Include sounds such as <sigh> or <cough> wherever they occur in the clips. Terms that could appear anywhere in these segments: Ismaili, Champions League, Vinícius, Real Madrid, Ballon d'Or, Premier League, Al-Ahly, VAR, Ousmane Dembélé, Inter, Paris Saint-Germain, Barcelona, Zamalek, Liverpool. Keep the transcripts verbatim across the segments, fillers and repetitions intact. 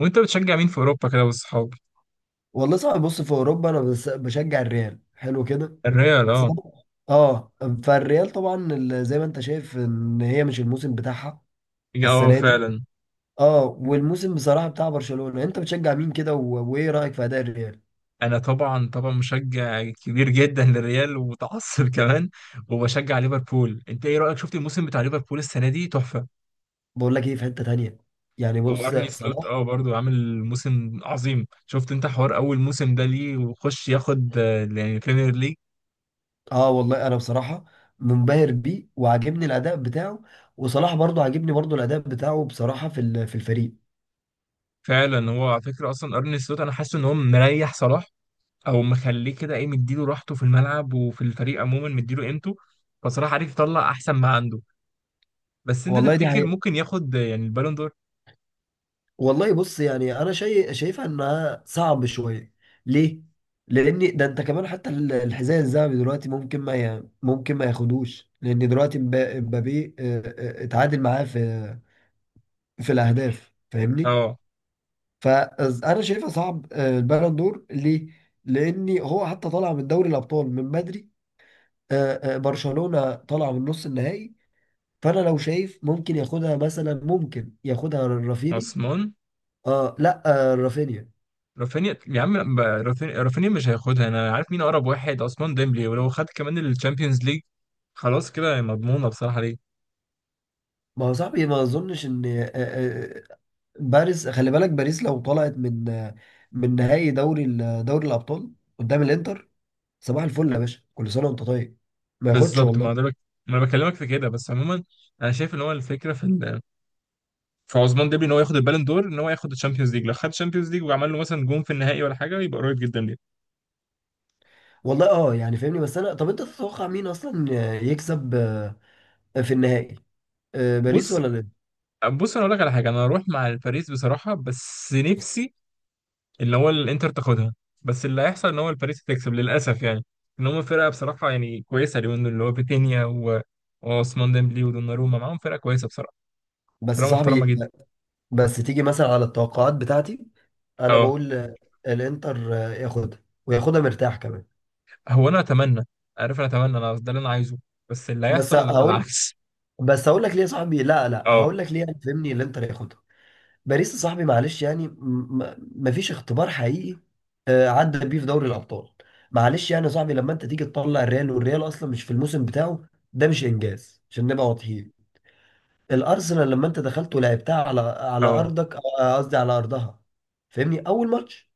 وانت بتشجع مين في اوروبا كده والصحاب؟ والله صعب. بص، في اوروبا انا بس بشجع الريال، حلو كده. الريال، بس اه. طبعاً- اه فالريال طبعا ال- زي ما انت شايف ان هي مش الموسم بتاعها اه، السنه دي. فعلا. اه والموسم بصراحه بتاع برشلونه. انت بتشجع مين كده و- وايه رايك في اداء الريال؟ انا طبعا طبعا مشجع كبير جدا للريال ومتعصب <laughs> كمان. وبشجع ليفربول. انت ايه رايك؟ شفت الموسم بتاع ليفربول السنه دي؟ تحفه. بقول لك ايه، في حته تانية يعني. بص، وارني سلوت، صلاح. اه برضو عامل موسم عظيم. شفت انت حوار اول موسم ده ليه وخش ياخد آه، يعني بريمير ليج. اه والله انا بصراحه منبهر بيه وعاجبني الاداء بتاعه. وصلاح برضو عاجبني، برضو الاداء بتاعه بصراحه في ال- في الفريق. فعلا، هو على فكره اصلا ارني سلوت انا حاسس ان هو مريح صلاح، او مخليه كده، ايه، مديله راحته في الملعب وفي الفريق عموما مديله قيمته. فصراحه عارف يطلع احسن ما عنده. بس انت والله دي تفتكر حقيقة. ممكن ياخد يعني البالون دور؟ والله بص، يعني انا شايف، شايفها انها صعب شويه. ليه؟ لان ده انت كمان حتى ال- الحذاء الذهبي دلوقتي، ممكن ما ي... ممكن ما ياخدوش، لان دلوقتي مبا- مبابي آه، آه، اتعادل معاه في في الاهداف فاهمني. اه. فانا شايفها صعب، آه، البالون دور. ليه؟ لان هو حتى طالع من دوري الابطال من بدري. آه، آه، برشلونه طالع من نص النهائي. فانا لو شايف ممكن ياخدها مثلا، ممكن ياخدها رافيني. عثمان. اه لا، آه، رافينيا. رافينيا، يا عم، ب- رافينيا رافينيا مش هياخدها. انا عارف مين اقرب واحد، عثمان ديمبلي. ولو خد كمان الشامبيونز ليج خلاص كده مضمونه بصراحه ليه. ما هو صاحبي ما اظنش ان آه، آه، آه، باريس، خلي بالك، باريس لو طلعت من آه، من نهائي دوري ال- دوري الابطال قدام الانتر. صباح الفل يا باشا، كل سنه وانت طيب. ما ياخدش بالظبط. والله. ما ده بك... ما انا بكلمك في كده، بس عموما انا شايف ان هو الفكره في ال... في عثمان ديمبلي ان هو ياخد البالون دور، ان هو ياخد الشامبيونز ليج. لو خد الشامبيونز ليج وعمل له مثلا جون في النهائي ولا حاجه يبقى قريب جدا ليه. والله اه يعني فاهمني. بس انا، طب انت تتوقع مين اصلا آه، يكسب آه، في النهائي؟ آه، باريس بص، ولا الانتر؟ بص، انا اقول لك على حاجه، انا هروح مع الباريس بصراحه، بس نفسي اللي هو الانتر تاخدها. بس اللي هيحصل ان هو الباريس تكسب للاسف، يعني ان هم فرقه بصراحه يعني كويسه اليومين دول، اللي هو فيتينيا و- وعثمان ديمبلي ودوناروما، معاهم فرقه كويسه بصراحه. بس فرقه محترمه صاحبي، جدا. بس تيجي مثلا على التوقعات بتاعتي. انا اه. بقول آه، الانتر آه، ياخدها، وياخدها مرتاح كمان. هو انا اتمنى، عارف، انا اتمنى انا، ده اللي انا عايزه. بس اللي بس هيحصل هقول العكس. بس هقول لك ليه يا صاحبي. لا <laughs> لا، اه. هقول لك ليه يعني فاهمني. الانتر ياخدها. باريس يا صاحبي، معلش يعني م- م- مفيش اختبار حقيقي آه، عدى بيه في دوري الابطال. معلش يعني يا صاحبي، لما انت تيجي تطلع الريال، والريال اصلا مش في الموسم بتاعه، ده مش انجاز عشان نبقى واضحين. الارسنال، لما انت دخلت ولعبتها على على اه، ارضك، آه، قصدي على ارضها، فاهمني اول ماتش.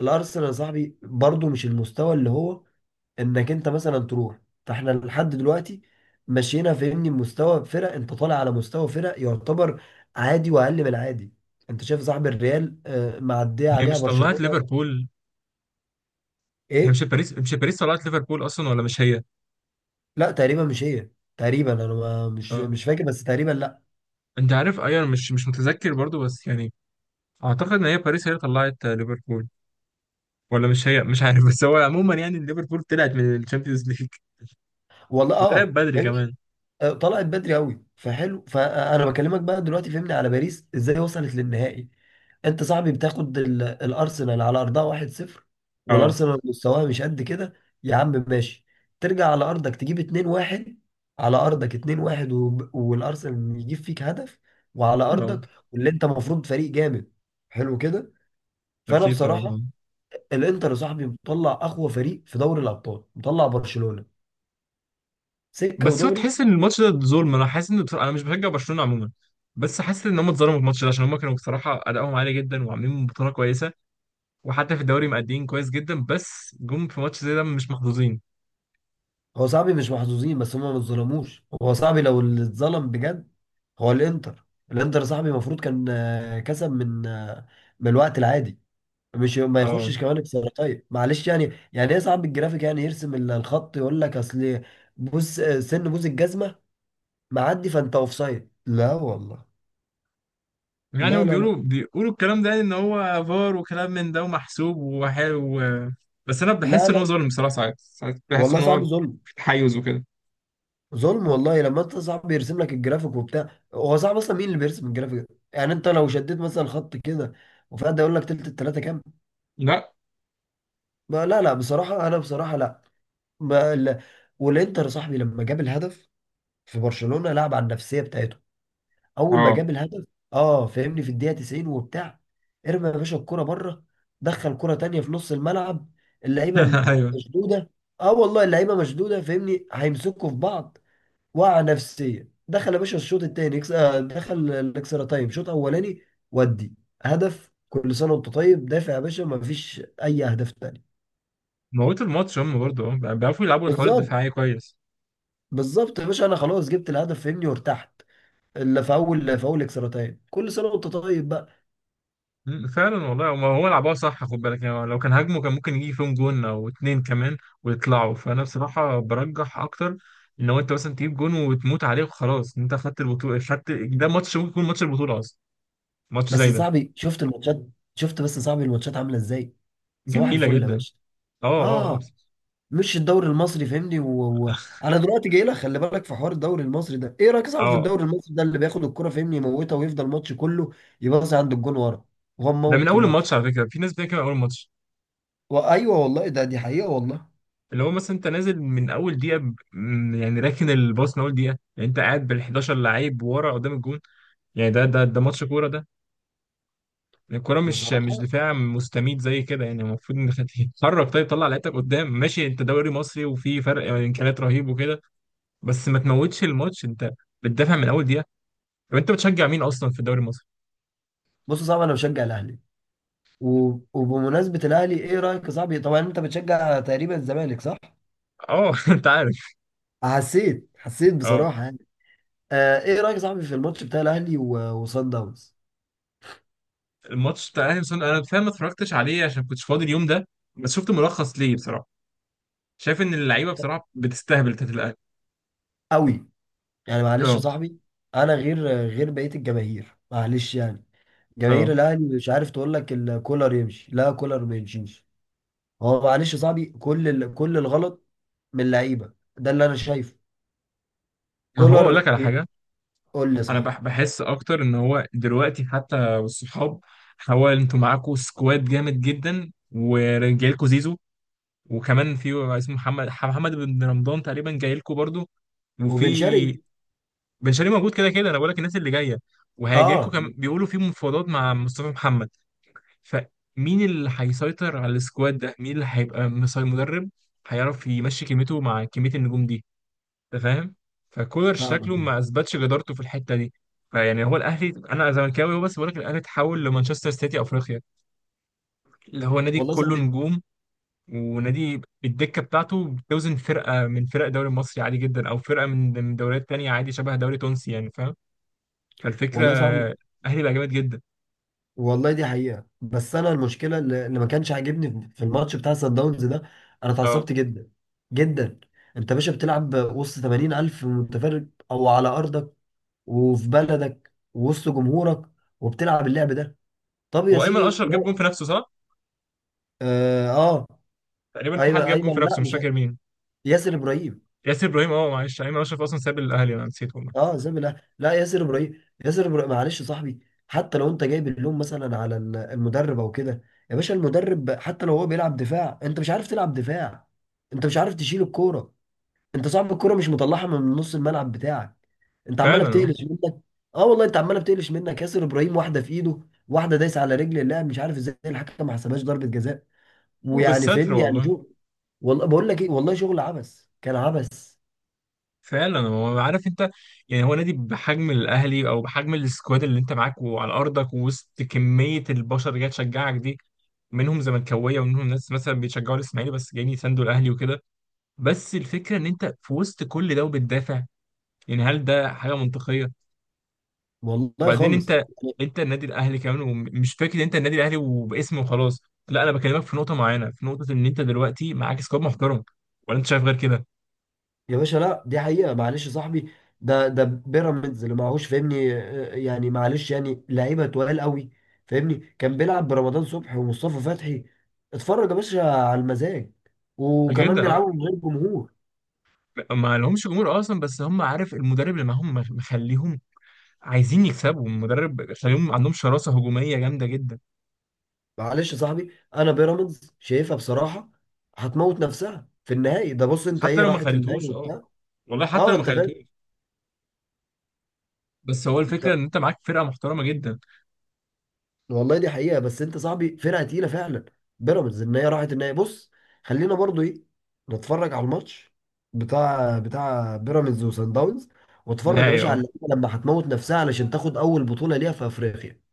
الارسنال يا صاحبي برضو مش المستوى اللي هو، انك انت مثلا تروح. فاحنا لحد دلوقتي مشينا، فهمني، مستوى فرق، انت طالع على مستوى فرق يعتبر عادي واقل من العادي. انت شايف صاحب الريال آه، معديه هي عليها مش طلعت برشلونه؟ ليفربول؟ هي مش ايه؟ باريس مش باريس طلعت ليفربول اصلا، ولا مش هي؟ لا تقريبا مش هي. تقريبا انا ما- مش اه. مش فاكر، بس تقريبا لا. انت عارف، ايوه، أنا مش مش متذكر برضو، بس يعني اعتقد ان هي باريس هي اللي طلعت آه، ليفربول، ولا مش هي، مش عارف <laughs> بس هو عموما يعني ليفربول طلعت من الشامبيونز ليج والله وطلعت اه. بدري كمان. آه، طلعت بدري قوي، فحلو. فانا بكلمك بقى دلوقتي فهمني، على باريس ازاي وصلت للنهائي. انت صاحبي بتاخد ال- الارسنال على ارضها واحد صفر، اه. والارسنال مستواها مش قد كده. يا عم ماشي. ترجع على ارضك تجيب اتنين واحد. على ارضك اتنين واحد، وب- والارسنال يجيب فيك هدف، وعلى اه، ارضك، واللي انت المفروض فريق جامد. حلو كده. فانا اكيد بصراحه، طبعا. الانتر يا صاحبي مطلع اقوى فريق في دوري الابطال، مطلع برشلونه سكه بس هو ودغري. تحس ان الماتش ده ظلم، انا حاسس ان بصراحه انا مش بشجع برشلونه عموما، بس حاسس ان هم اتظلموا في الماتش ده عشان هم كانوا بصراحه ادائهم عالي جدا وعاملين بطوله كويسه، وحتى في الدوري مأديين كويس جدا، بس جم في ماتش زي ده مش محظوظين. هو صاحبي مش محظوظين، بس هما ما اتظلموش. هو صاحبي لو اللي اتظلم بجد، هو الانتر. الانتر صاحبي المفروض كان آه، كسب من آه، من الوقت العادي، مش ما اه، يخشش كمان بسرعتين، معلش يعني. يعني ايه صاحب الجرافيك يعني يرسم ال- الخط يقول لك اصل؟ بص، آه، سن بوز الجزمه معدي فانت اوف سايد؟ لا والله. يعني لا هم لا لا بيقولوا بيقولوا الكلام ده، يعني ان هو فار وكلام من ده ومحسوب وحلو، بس انا لا بحس ان هو لا، ظلم بصراحه. ساعات ساعات بحس والله ان صعب هو ظلم. في تحيز وكده. ظلم والله. لما انت صعب بيرسم لك الجرافيك وبتاع، هو صعب اصلا مين اللي بيرسم الجرافيك ده؟ يعني انت لو شديت مثلا خط كده، وفجأة يقول لك تلت التلاته كام؟ لا. ما لا لا، بصراحه، انا بصراحه لا. ما لا. والانتر صاحبي لما جاب الهدف في برشلونه، لعب على النفسيه بتاعته. اول ما اه. جاب الهدف اه، فاهمني، في الدقيقه تسعين وبتاع. ارمى يا باشا الكره بره، دخل كره تانيه في نص الملعب، اللعيبه <laughs> ايوه. مشدوده. اه والله اللعيبه مشدوده، فاهمني، هيمسكوا في بعض. وقع نفسيا. دخل يا باشا الشوط التاني يكس- آه، دخل الاكسترا تايم شوط اولاني. ودي هدف كل سنه وانت طيب. دافع يا باشا، ما فيش اي اهداف تاني. موتوا الماتش. هم برضه اه بيعرفوا يلعبوا الحوار بالظبط. الدفاعي كويس. بالظبط يا باشا، انا خلاص جبت الهدف، فهمني، وارتحت. اللي في اول في اول اكسترا تايم، كل سنه وانت طيب بقى. مم، فعلا والله. هو هو لعبها صح، خد بالك، يعني لو كان هاجموا كان ممكن يجي فيهم جون او اتنين كمان ويطلعوا. فانا بصراحه برجح اكتر ان هو انت مثلا تجيب جون وتموت عليه وخلاص، انت خدت البطوله، خدت. ده ماتش ممكن يكون ماتش البطوله اصلا، ماتش بس زي يا ده. صاحبي شفت الماتشات، شفت بس يا صاحبي الماتشات عامله ازاي؟ صباح جميله الفل يا جدا. باشا. اه، اه، اه، اه. مش الدوري المصري فاهمني. و... و... انا دلوقتي جاي لك، خلي بالك في حوار الدوري المصري ده. ايه رايك صعب في اه. الدوري المصري ده، اللي بياخد الكرة فاهمني يموتها، ويفضل الماتش كله يباصي عند الجون ورا، وهو ده من مموت اول الماتش الماتش؟ على فكره، في ناس بتتكلم من اول الماتش. وايوه والله، ده دي حقيقة والله. اللي هو مثلا انت نازل من اول دقيقه، ب- م- يعني راكن الباص من اول دقيقه، يعني انت قاعد بال احداشر لعيب ورا قدام الجون. يعني ده ده ده ماتش كوره ده؟ يعني الكوره مش مش بصراحة. دفاع مستميت زي كده، يعني المفروض انك تتحرك. طيب طلع لعيبتك قدام، ماشي انت دوري مصري وفي فرق امكانيات رهيب وكده، بس ما تموتش الماتش. انت بتدافع من اول دقيقه. طب انت بتشجع مين اصلا في الدوري المصري؟ بص، صعب، انا بشجع الاهلي. و... وبمناسبة الاهلي، ايه رايك يا صاحبي، طبعا انت بتشجع تقريبا الزمالك صح؟ اه <laughs> انت عارف. حسيت حسيت اه. بصراحة يعني. آه، ايه رايك يا صاحبي في الماتش بتاع الاهلي و... وصن داونز؟ الماتش بتاع الاهلي وصن- انا فاهم، ما اتفرجتش عليه عشان كنتش فاضي اليوم ده، بس شفت ملخص ليه بصراحه. شايف ان اللعيبه بصراحه بتستهبل، بتاعت الاهلي. قوي، يعني معلش يا اه، صاحبي، انا غير غير بقيه الجماهير، معلش يعني. جماهير اه. الاهلي مش عارف، تقول لك ال- كولر يمشي، لا كولر ما يمشيش. هو معلش يا صاحبي، كل ال... كل الغلط من اللعيبه، ده اللي انا شايفه، ما هو اقول لك كولر. على حاجه، قول لي انا صح. بح- بحس اكتر ان هو دلوقتي، حتى والصحاب، هو انتوا معاكوا سكواد جامد جدا، ورجالكوا زيزو، وكمان في اسمه محمد محمد بن رمضان تقريبا جاي لكم برضو، وبن وفي شرقي. بن شرقي موجود. كده كده انا بقول لك الناس اللي جايه وهيجي لكم اه كمان، بيقولوا في مفاوضات مع مصطفى محمد. فمين اللي هيسيطر على السكواد ده؟ مين اللي هيبقى مسيطر، مدرب هيعرف يمشي كلمته مع كميه النجوم دي؟ انت فاهم. فكولر شكله فاهمك. ما اثبتش جدارته في الحته دي. فيعني هو الاهلي، انا زملكاوي هو، بس بقول لك الاهلي اتحول لمانشستر سيتي افريقيا، اللي هو نادي والله يا كله صاحبي. نجوم، ونادي الدكه بتاعته بتوزن فرقه من فرق الدوري المصري عادي جدا، او فرقه من من دوريات تانية، عادي شبه دوري تونسي، يعني فاهم. فالفكره والله يا صاحبي. الاهلي بقى جامد جدا. والله دي حقيقه، بس انا المشكله اللي اللي ما كانش عاجبني في الماتش بتاع سان داونز ده، انا اه. اتعصبت جدا جدا. انت يا باشا بتلعب وسط ثمانين الف متفرج، او على ارضك وفي بلدك ووسط جمهورك، وبتلعب اللعب ده؟ طب يا هو ايمن سيدي اشرف جاب جون لا. في نفسه، صح؟ اه, آه. تقريبا في ايمن حد جاب جون في ايمن نفسه، لا مش مش، فاكر مين. ياسر ابراهيم. ياسر ابراهيم، اه، معلش ايمن اشرف اصلا ساب الاهلي، انا نسيت والله. اه زي ما- لا لا، ياسر ابراهيم. ياسر ابراهيم معلش يا صاحبي، حتى لو انت جايب اللوم مثلا على ال- المدرب او كده. يا باشا المدرب حتى لو هو بيلعب دفاع، انت مش عارف تلعب دفاع، انت مش عارف تشيل الكوره. انت صاحب الكوره مش مطلعها من نص الملعب بتاعك. انت عماله فعلا، اه. بتقلش منك. اه والله، انت عماله بتقلش منك. ياسر ابراهيم واحده في ايده، واحده دايسه على رجل اللاعب، مش عارف ازاي الحكم ما حسبهاش ضربه جزاء، ويعني وبالستر فهمني يعني والله. شو؟ والله بقول لك ايه، والله شغل عبث، كان عبث. فعلا. هو، عارف انت، يعني هو نادي بحجم الاهلي او بحجم السكواد اللي انت معاك، وعلى ارضك ووسط كميه البشر اللي جايه تشجعك دي، منهم زملكاويه ومنهم ناس مثلا بيشجعوا الاسماعيلي بس جايين يساندوا الاهلي وكده، بس الفكره ان انت في وسط كل ده وبتدافع. يعني هل ده حاجه منطقيه؟ والله وبعدين خالص انت، يعني. انت النادي الاهلي كمان، ومش فكره انت النادي الاهلي وباسم وخلاص. لا، انا بكلمك في نقطه معينه، في نقطه ان انت دلوقتي معاك سكواد محترم. ولا انت شايف غير كده؟ يا باشا لا، دي حقيقه معلش يا صاحبي، ده ده بيراميدز اللي معهوش فاهمني، آه، يعني معلش يعني لعيبه تقال قوي فاهمني. كان بيلعب برمضان صبحي ومصطفى فتحي. اتفرج يا باشا على المزاج. وكمان جدا، اه. بيلعبوا من غير جمهور. ما لهمش جمهور اصلا، بس هم، عارف، المدرب اللي معاهم مخ- مخليهم عايزين يكسبوا. المدرب خليهم عندهم شراسه هجوميه جامده جدا. معلش يا صاحبي، انا بيراميدز شايفها بصراحه هتموت نفسها في النهائي ده. بص انت، حتى ايه لو ما راحت النهائي خدتوش، اه. وبتاع. والله حتى اه لو ما انت فاهم. خدتوش. بس هو الفكره ان بص- انت معاك فرقه محترمه جدا. والله دي حقيقه، بس انت صاحبي فرقه تقيله فعلا. بيراميدز ان هي راحت النهائي، بص خلينا برضو ايه، نتفرج على الماتش بتاع بتاع بيراميدز وسان داونز. واتفرج يا نهائي، باشا على اه. اللعيبه لما هتموت نفسها علشان تاخد اول بطوله ليها في افريقيا.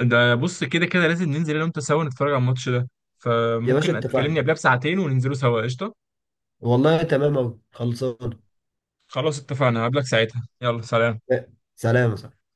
ده بص، كده كده لازم ننزل انا وانت سوا نتفرج على الماتش ده، يا باشا فممكن تكلمني اتفقنا. قبلها بساعتين وننزلوا سوا، قشطه. والله تمام اوي خلصان. خلاص اتفقنا، هقابلك ساعتها، يلا سلام. سلام يا صاحبي.